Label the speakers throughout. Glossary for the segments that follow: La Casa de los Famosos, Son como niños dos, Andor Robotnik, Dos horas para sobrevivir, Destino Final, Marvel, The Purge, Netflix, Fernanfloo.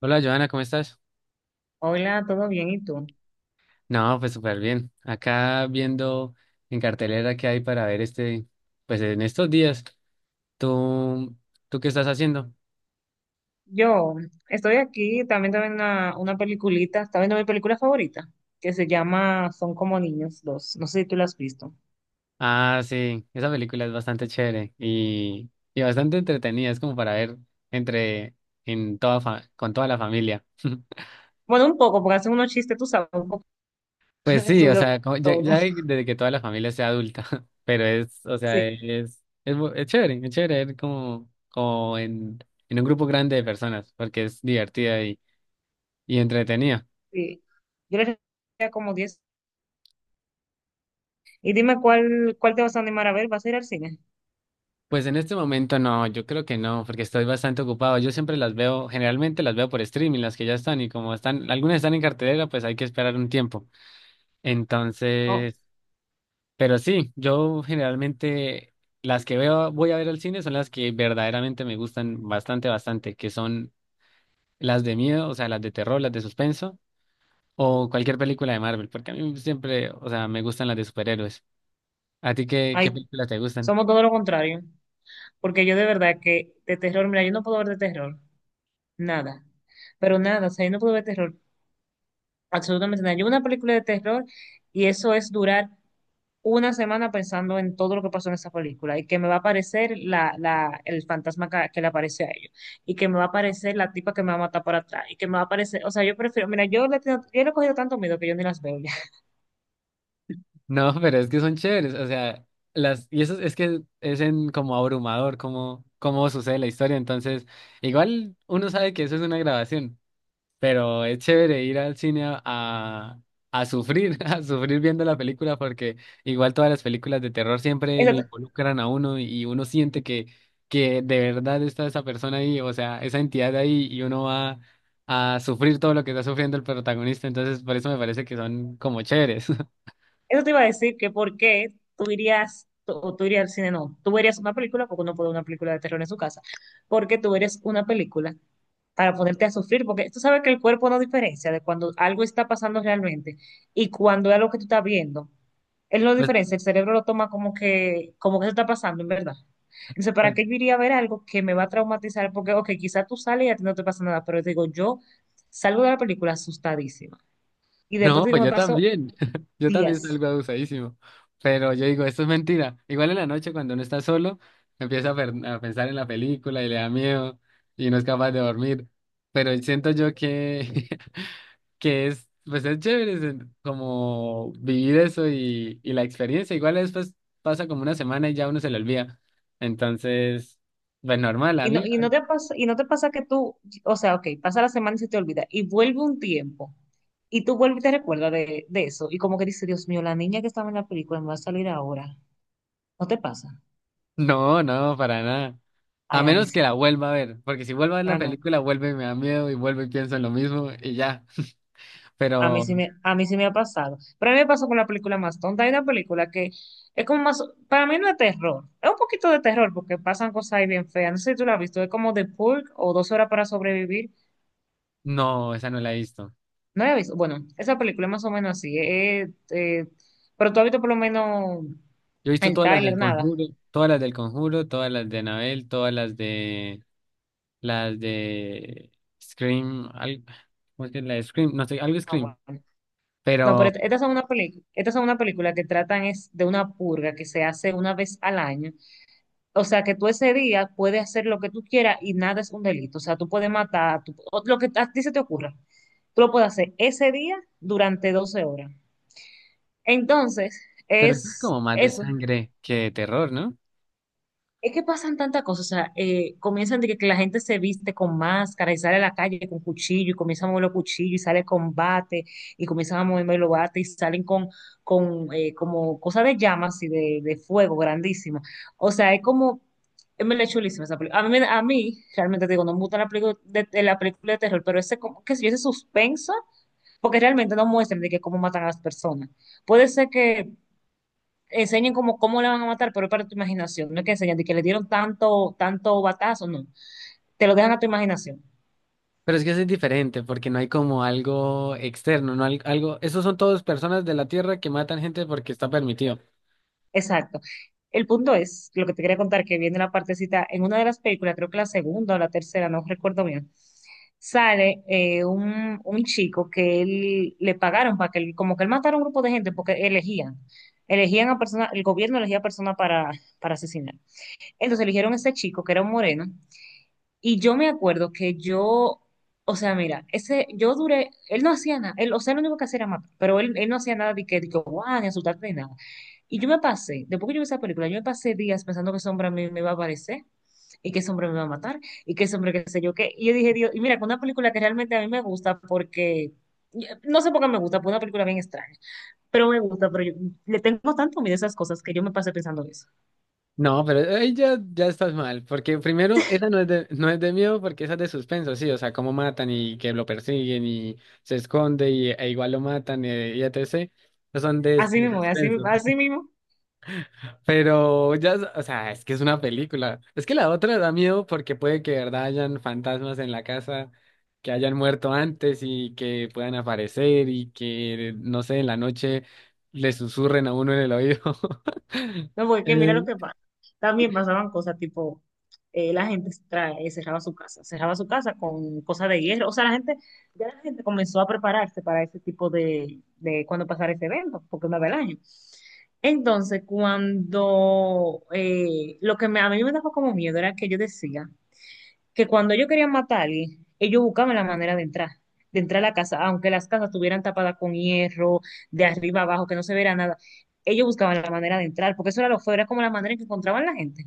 Speaker 1: Hola Joana, ¿cómo estás?
Speaker 2: Hola, ¿todo bien? ¿Y tú?
Speaker 1: No, pues súper bien. Acá viendo en cartelera qué hay para ver pues en estos días. ¿Tú, ¿Tú qué estás haciendo?
Speaker 2: Yo estoy aquí, también viendo una peliculita, está viendo mi película favorita, que se llama Son como niños dos. No sé si tú la has visto.
Speaker 1: Ah, sí, esa película es bastante chévere y bastante entretenida. Es como para ver entre, en con toda la familia.
Speaker 2: Bueno, un poco, porque hacen unos chistes, tú sabes, un poco
Speaker 1: Pues sí, o
Speaker 2: subido
Speaker 1: sea, como
Speaker 2: todo, ¿no?
Speaker 1: ya desde que toda la familia sea adulta. Pero es, o sea,
Speaker 2: Sí,
Speaker 1: es, bu- es chévere ver en un grupo grande de personas, porque es divertida y entretenida.
Speaker 2: sí. Yo le diría como 10. Y dime cuál te vas a animar a ver, ¿vas a ir al cine?
Speaker 1: Pues en este momento no, yo creo que no, porque estoy bastante ocupado. Yo siempre las veo, generalmente las veo por streaming, las que ya están, y como están, algunas están en cartelera, pues hay que esperar un tiempo.
Speaker 2: No,
Speaker 1: Entonces, pero sí, yo generalmente las que veo, voy a ver al cine son las que verdaderamente me gustan bastante, bastante, que son las de miedo, o sea, las de terror, las de suspenso, o cualquier película de Marvel, porque a mí siempre, o sea, me gustan las de superhéroes. ¿A ti
Speaker 2: ay,
Speaker 1: qué películas te gustan?
Speaker 2: somos todo lo contrario, porque yo de verdad que de terror, mira, yo no puedo ver de terror, nada, pero nada, o sea, yo no puedo ver terror. Absolutamente nada. Yo una película de terror y eso es durar una semana pensando en todo lo que pasó en esa película y que me va a aparecer el fantasma que le aparece a ellos y que me va a aparecer la tipa que me va a matar por atrás y que me va a aparecer, o sea, yo prefiero, mira, yo le he cogido tanto miedo que yo ni las veo ya.
Speaker 1: No, pero es que son chéveres, o sea, y eso es que es en como abrumador cómo sucede la historia, entonces, igual uno sabe que eso es una grabación, pero es chévere ir al cine a sufrir, a sufrir viendo la película, porque igual todas las películas de terror siempre lo involucran a uno y uno siente que de verdad está esa persona ahí, o sea, esa entidad ahí, y uno va a sufrir todo lo que está sufriendo el protagonista, entonces por eso me parece que son como chéveres.
Speaker 2: Eso te iba a decir que por qué tú irías, o tú irías al cine, no, tú verías una película, porque uno puede ver una película de terror en su casa, porque tú verías una película para ponerte a sufrir, porque tú sabes que el cuerpo no diferencia de cuando algo está pasando realmente y cuando es algo que tú estás viendo. Él no diferencia, el cerebro lo toma como que se está pasando, en verdad. Entonces, ¿para
Speaker 1: Pues,
Speaker 2: qué yo iría a ver algo que me va a traumatizar? Porque, ok, quizás tú sales y a ti no te pasa nada, pero te digo, yo salgo de la película asustadísima. Y después
Speaker 1: No,
Speaker 2: te digo,
Speaker 1: pues
Speaker 2: me
Speaker 1: yo
Speaker 2: pasó
Speaker 1: también. Yo también
Speaker 2: días.
Speaker 1: salgo abusadísimo. Pero yo digo, esto es mentira. Igual en la noche cuando uno está solo, empieza a pensar en la película y le da miedo y no es capaz de dormir. Pero siento yo que, pues es chévere es como vivir eso y la experiencia. Igual después pasa como una semana y ya uno se le olvida. Entonces, pues normal. A mí,
Speaker 2: ¿Y no te pasa que tú, o sea, ok, pasa la semana y se te olvida, y vuelve un tiempo, y tú vuelves y te recuerdas de eso, y como que dices, Dios mío, la niña que estaba en la película me va a salir ahora? ¿No te pasa?
Speaker 1: no, no, para nada. A
Speaker 2: Ay, a mí
Speaker 1: menos
Speaker 2: sí.
Speaker 1: que la vuelva a ver, porque si vuelvo a ver la
Speaker 2: Ah, no.
Speaker 1: película, vuelve y me da miedo y vuelvo y pienso en lo mismo y ya.
Speaker 2: A mí
Speaker 1: Pero
Speaker 2: sí me, a mí sí me ha pasado. Pero a mí me pasó con la película más tonta. Hay una película que es como más, para mí no es terror, es un poquito de terror porque pasan cosas ahí bien feas. No sé si tú la has visto, es como The Purge o Dos horas para sobrevivir.
Speaker 1: no, esa no la he visto.
Speaker 2: No la he visto. Bueno, esa película es más o menos así. Pero tú has visto por lo menos
Speaker 1: Yo he visto
Speaker 2: el
Speaker 1: todas las del
Speaker 2: tráiler, nada.
Speaker 1: Conjuro, todas las del Conjuro, todas las de Anabel, todas las de Scream, ¿cómo es que es la de Scream? No sé, algo
Speaker 2: Ah,
Speaker 1: Scream.
Speaker 2: bueno. No, pero
Speaker 1: Pero,
Speaker 2: estas son una película que tratan es de una purga que se hace una vez al año. O sea, que tú ese día puedes hacer lo que tú quieras y nada es un delito. O sea, tú puedes matar, o lo que a ti se te ocurra. Tú lo puedes hacer ese día durante 12 horas. Entonces,
Speaker 1: pero eso es
Speaker 2: es
Speaker 1: como más de
Speaker 2: eso.
Speaker 1: sangre que de terror, ¿no?
Speaker 2: Es que pasan tantas cosas, o sea, comienzan que la gente se viste con máscara y sale a la calle con cuchillo y comienza a mover los cuchillos y sale con bate y comienzan a moverme los bates y salen con como cosas de llamas y de fuego grandísima. O sea, es como, es me chulísima esa película. A mí, a mí, realmente te digo, no me gusta la película de la película de terror, pero ese, como, qué sé yo, ese suspenso, porque realmente no muestran de que cómo matan a las personas. Puede ser que enseñen cómo le van a matar, pero es para tu imaginación. No es que enseñen de que le dieron tanto, tanto batazo, no. Te lo dejan a tu imaginación.
Speaker 1: Pero es que eso es diferente, porque no hay como algo externo, no hay algo. Esos son todos personas de la Tierra que matan gente porque está permitido.
Speaker 2: Exacto. El punto es, lo que te quería contar, que viene la partecita, en una de las películas, creo que la segunda o la tercera, no recuerdo bien, sale un chico que él le pagaron para que él, como que él matara a un grupo de gente porque elegían. Elegían a personas, el gobierno elegía a personas para asesinar. Entonces eligieron a este chico que era un moreno. Y yo me acuerdo que yo, o sea, mira, ese, yo duré, él no hacía nada, él, o sea, lo único que hacía era matar, pero él no hacía nada de que, guau, ni asustarte ni nada. Y yo me pasé, después que yo vi esa película, yo me pasé días pensando que ese hombre a mí me iba a aparecer, y que ese hombre me va a matar, y que ese hombre qué sé yo qué. Y yo dije, Dios, y mira, con una película que realmente a mí me gusta porque, no sé por qué me gusta, porque es una película bien extraña, pero me gusta, pero yo le tengo tanto miedo a esas cosas que yo me pasé pensando eso.
Speaker 1: No, pero ahí ya, ya estás mal, porque primero, esa no es no es de miedo, porque esa es de suspenso, sí, o sea, cómo matan y que lo persiguen y se esconde e igual lo matan etc. Esos son
Speaker 2: Así
Speaker 1: de
Speaker 2: mismo, así,
Speaker 1: suspenso.
Speaker 2: así mismo.
Speaker 1: Pero ya, o sea, es que es una película. Es que la otra da miedo porque puede que de verdad hayan fantasmas en la casa que hayan muerto antes y que puedan aparecer y que, no sé, en la noche le susurren a uno en el oído.
Speaker 2: No, porque
Speaker 1: Eh,
Speaker 2: mira lo que pasa. También pasaban cosas tipo, la gente cerraba su casa, con cosas de hierro. O sea, ya la gente comenzó a prepararse para ese tipo de cuando pasara ese evento, porque una vez al año. Entonces, cuando a mí me daba como miedo era que yo decía que cuando ellos querían matar a alguien, ellos buscaban la manera de entrar a la casa, aunque las casas estuvieran tapadas con hierro, de arriba abajo, que no se viera nada, ellos buscaban la manera de entrar, porque eso era lo feo, era como la manera en que encontraban la gente,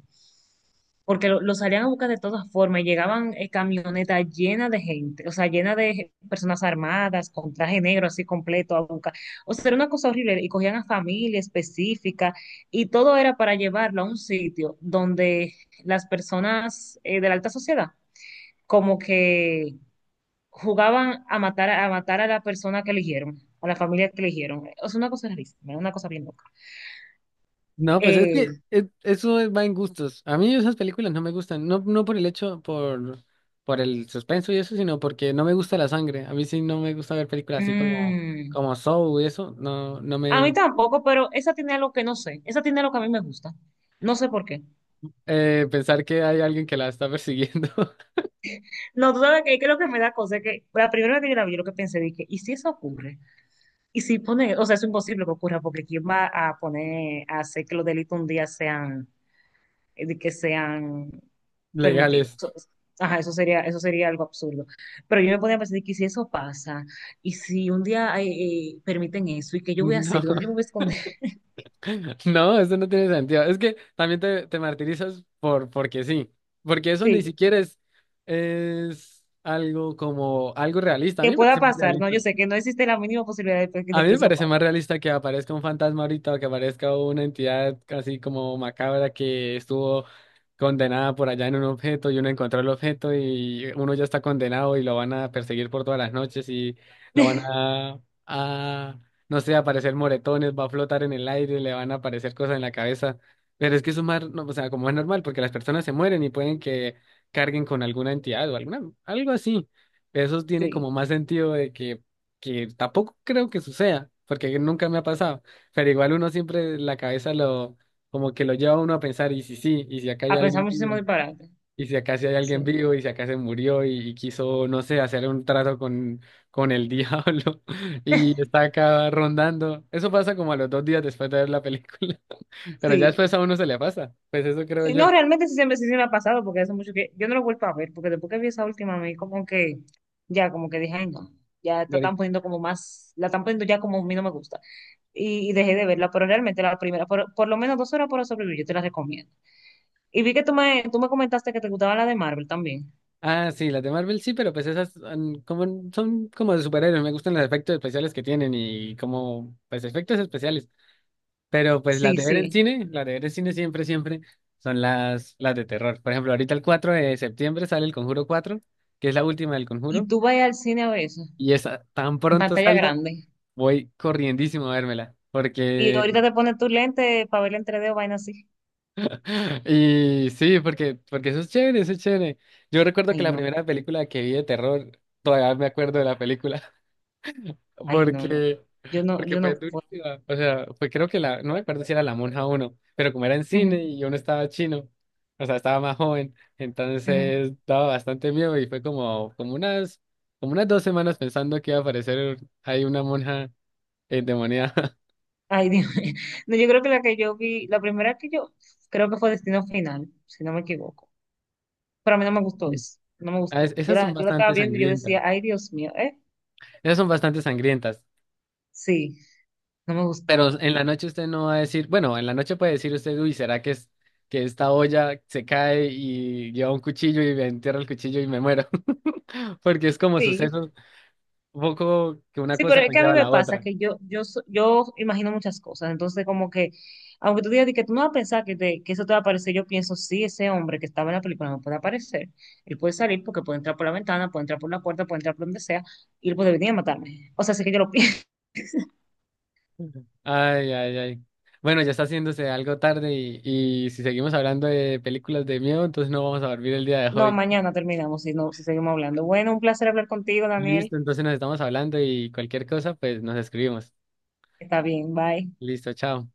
Speaker 2: porque lo salían a buscar de todas formas y llegaban camionetas llenas de gente, o sea, llenas de personas armadas, con traje negro así completo a buscar, o sea, era una cosa horrible, y cogían a familia específica, y todo era para llevarlo a un sitio donde las personas de la alta sociedad como que jugaban a matar a la persona que eligieron, a la familia que eligieron. Es una cosa rarísima, una cosa bien loca.
Speaker 1: no, pues es que
Speaker 2: Eh,
Speaker 1: eso va en gustos. A mí esas películas no me gustan, no, no por el hecho, por el suspenso y eso, sino porque no me gusta la sangre. A mí sí no me gusta ver películas así
Speaker 2: mm,
Speaker 1: como Saw y eso, no, no
Speaker 2: a mí
Speaker 1: me
Speaker 2: tampoco, pero esa tiene algo que no sé. Esa tiene algo que a mí me gusta. No sé por qué.
Speaker 1: eh, pensar que hay alguien que la está persiguiendo.
Speaker 2: No, tú sabes que lo que me da cosa es que la primera vez que yo la vi, yo lo que pensé, dije, ¿y si eso ocurre? Y si pone, O sea, es imposible que ocurra, porque ¿quién va a poner, a hacer que los delitos un día sean permitido?
Speaker 1: Legales.
Speaker 2: Ajá, eso sería algo absurdo. Pero yo me podía pensar que si eso pasa, y si un día permiten eso, ¿y qué yo voy a hacer?
Speaker 1: No,
Speaker 2: ¿Dónde yo me voy a esconder?
Speaker 1: no, eso no tiene sentido. Es que también te martirizas por porque sí. Porque eso ni
Speaker 2: Sí,
Speaker 1: siquiera es algo como algo realista. A
Speaker 2: que
Speaker 1: mí me
Speaker 2: pueda
Speaker 1: parece más
Speaker 2: pasar, ¿no?
Speaker 1: realista.
Speaker 2: Yo sé que no existe la mínima posibilidad de,
Speaker 1: A
Speaker 2: de
Speaker 1: mí
Speaker 2: que
Speaker 1: me
Speaker 2: eso
Speaker 1: parece
Speaker 2: pase.
Speaker 1: más realista que aparezca un fantasma ahorita o que aparezca una entidad así como macabra que estuvo condenada por allá en un objeto y uno encontró el objeto y uno ya está condenado y lo van a perseguir por todas las noches y lo van a no sé, aparecer moretones, va a flotar en el aire, le van a aparecer cosas en la cabeza. Pero es que eso es más, no, o sea, como es normal, porque las personas se mueren y pueden que carguen con alguna entidad o alguna, algo así. Eso tiene como
Speaker 2: Sí,
Speaker 1: más sentido de que tampoco creo que suceda, porque nunca me ha pasado, pero igual uno siempre la cabeza como que lo lleva a uno a pensar, y si sí, y si acá hay
Speaker 2: a pensar
Speaker 1: alguien
Speaker 2: muchísimo
Speaker 1: vivo,
Speaker 2: disparate.
Speaker 1: y si acá sí hay alguien
Speaker 2: Sí,
Speaker 1: vivo, y si acá se murió y quiso, no sé, hacer un trato con el diablo, y está acá rondando. Eso pasa como a los 2 días después de ver la película, pero ya
Speaker 2: sí.
Speaker 1: después a uno se le pasa, pues eso creo
Speaker 2: Sí,
Speaker 1: yo.
Speaker 2: no, realmente sí siempre sí se me ha pasado, porque hace mucho que yo no lo vuelvo a ver, porque después que vi esa última, me como que, ya, como que dije, ay, no, ya la están poniendo como más, la están poniendo ya como a mí no me gusta. Y dejé de verla, pero realmente la primera, por lo menos dos horas para sobrevivir, yo te la recomiendo. Y vi que tú me comentaste que te gustaba la de Marvel también.
Speaker 1: Ah, sí, las de Marvel sí, pero pues esas como, son como de superhéroes. Me gustan los efectos especiales que tienen pues efectos especiales. Pero pues las
Speaker 2: Sí,
Speaker 1: de ver en
Speaker 2: sí.
Speaker 1: cine, las de ver en cine, siempre, siempre son las de terror. Por ejemplo, ahorita el 4 de septiembre sale el Conjuro 4, que es la última del
Speaker 2: Y
Speaker 1: Conjuro.
Speaker 2: tú vas al cine a veces,
Speaker 1: Y esa tan
Speaker 2: en
Speaker 1: pronto
Speaker 2: pantalla
Speaker 1: salga,
Speaker 2: grande.
Speaker 1: voy corriendísimo a vérmela.
Speaker 2: Y ahorita te pones tu lente para ver en 3D o vaina así.
Speaker 1: Y sí, porque eso es chévere, eso es chévere. Yo recuerdo que
Speaker 2: Ay,
Speaker 1: la
Speaker 2: no,
Speaker 1: primera película que vi de terror, todavía me acuerdo de la película.
Speaker 2: ay, no, no.
Speaker 1: Porque,
Speaker 2: Yo no,
Speaker 1: porque
Speaker 2: yo
Speaker 1: fue
Speaker 2: no puedo.
Speaker 1: durísima. O sea, fue creo que la, no me acuerdo si era La Monja uno, pero como era en
Speaker 2: Ujú,
Speaker 1: cine y yo no estaba chino, o sea, estaba más joven,
Speaker 2: ujú.
Speaker 1: entonces daba bastante miedo y fue como unas 2 semanas pensando que iba a aparecer ahí una monja endemoniada.
Speaker 2: Ay, Dios mío. No, yo creo que la que yo vi, la primera que yo, creo que fue Destino Final, si no me equivoco. Pero a mí no me gustó
Speaker 1: Mm.
Speaker 2: eso, no me gustó. Yo
Speaker 1: Esas
Speaker 2: la,
Speaker 1: son
Speaker 2: yo la estaba
Speaker 1: bastante
Speaker 2: viendo y yo
Speaker 1: sangrientas.
Speaker 2: decía, ay, Dios mío, ¿eh?
Speaker 1: Esas son bastante sangrientas.
Speaker 2: Sí. No me gustó.
Speaker 1: Pero en la noche usted no va a decir, bueno, en la noche puede decir usted, uy, ¿será que es que esta olla se cae y lleva un cuchillo y me entierra el cuchillo y me muero? Porque es como
Speaker 2: Sí,
Speaker 1: sucesos, un poco que una
Speaker 2: sí, pero
Speaker 1: cosa
Speaker 2: es que a mí
Speaker 1: conlleva a
Speaker 2: me
Speaker 1: la
Speaker 2: pasa
Speaker 1: otra.
Speaker 2: que yo imagino muchas cosas, entonces como que, aunque tú digas de que tú no vas a pensar que eso te va a aparecer, yo pienso, sí, ese hombre que estaba en la película no puede aparecer, él puede salir porque puede entrar por la ventana, puede entrar por la puerta, puede entrar por donde sea, y él puede venir a matarme. O sea, sí que yo lo pienso.
Speaker 1: Ay, ay, ay. Bueno, ya está haciéndose algo tarde y si seguimos hablando de películas de miedo, entonces no vamos a dormir el día de
Speaker 2: No,
Speaker 1: hoy.
Speaker 2: mañana terminamos, si no, si seguimos hablando. Bueno, un placer hablar contigo, Daniel.
Speaker 1: Listo, entonces nos estamos hablando y cualquier cosa, pues nos escribimos.
Speaker 2: Está bien, bye.
Speaker 1: Listo, chao.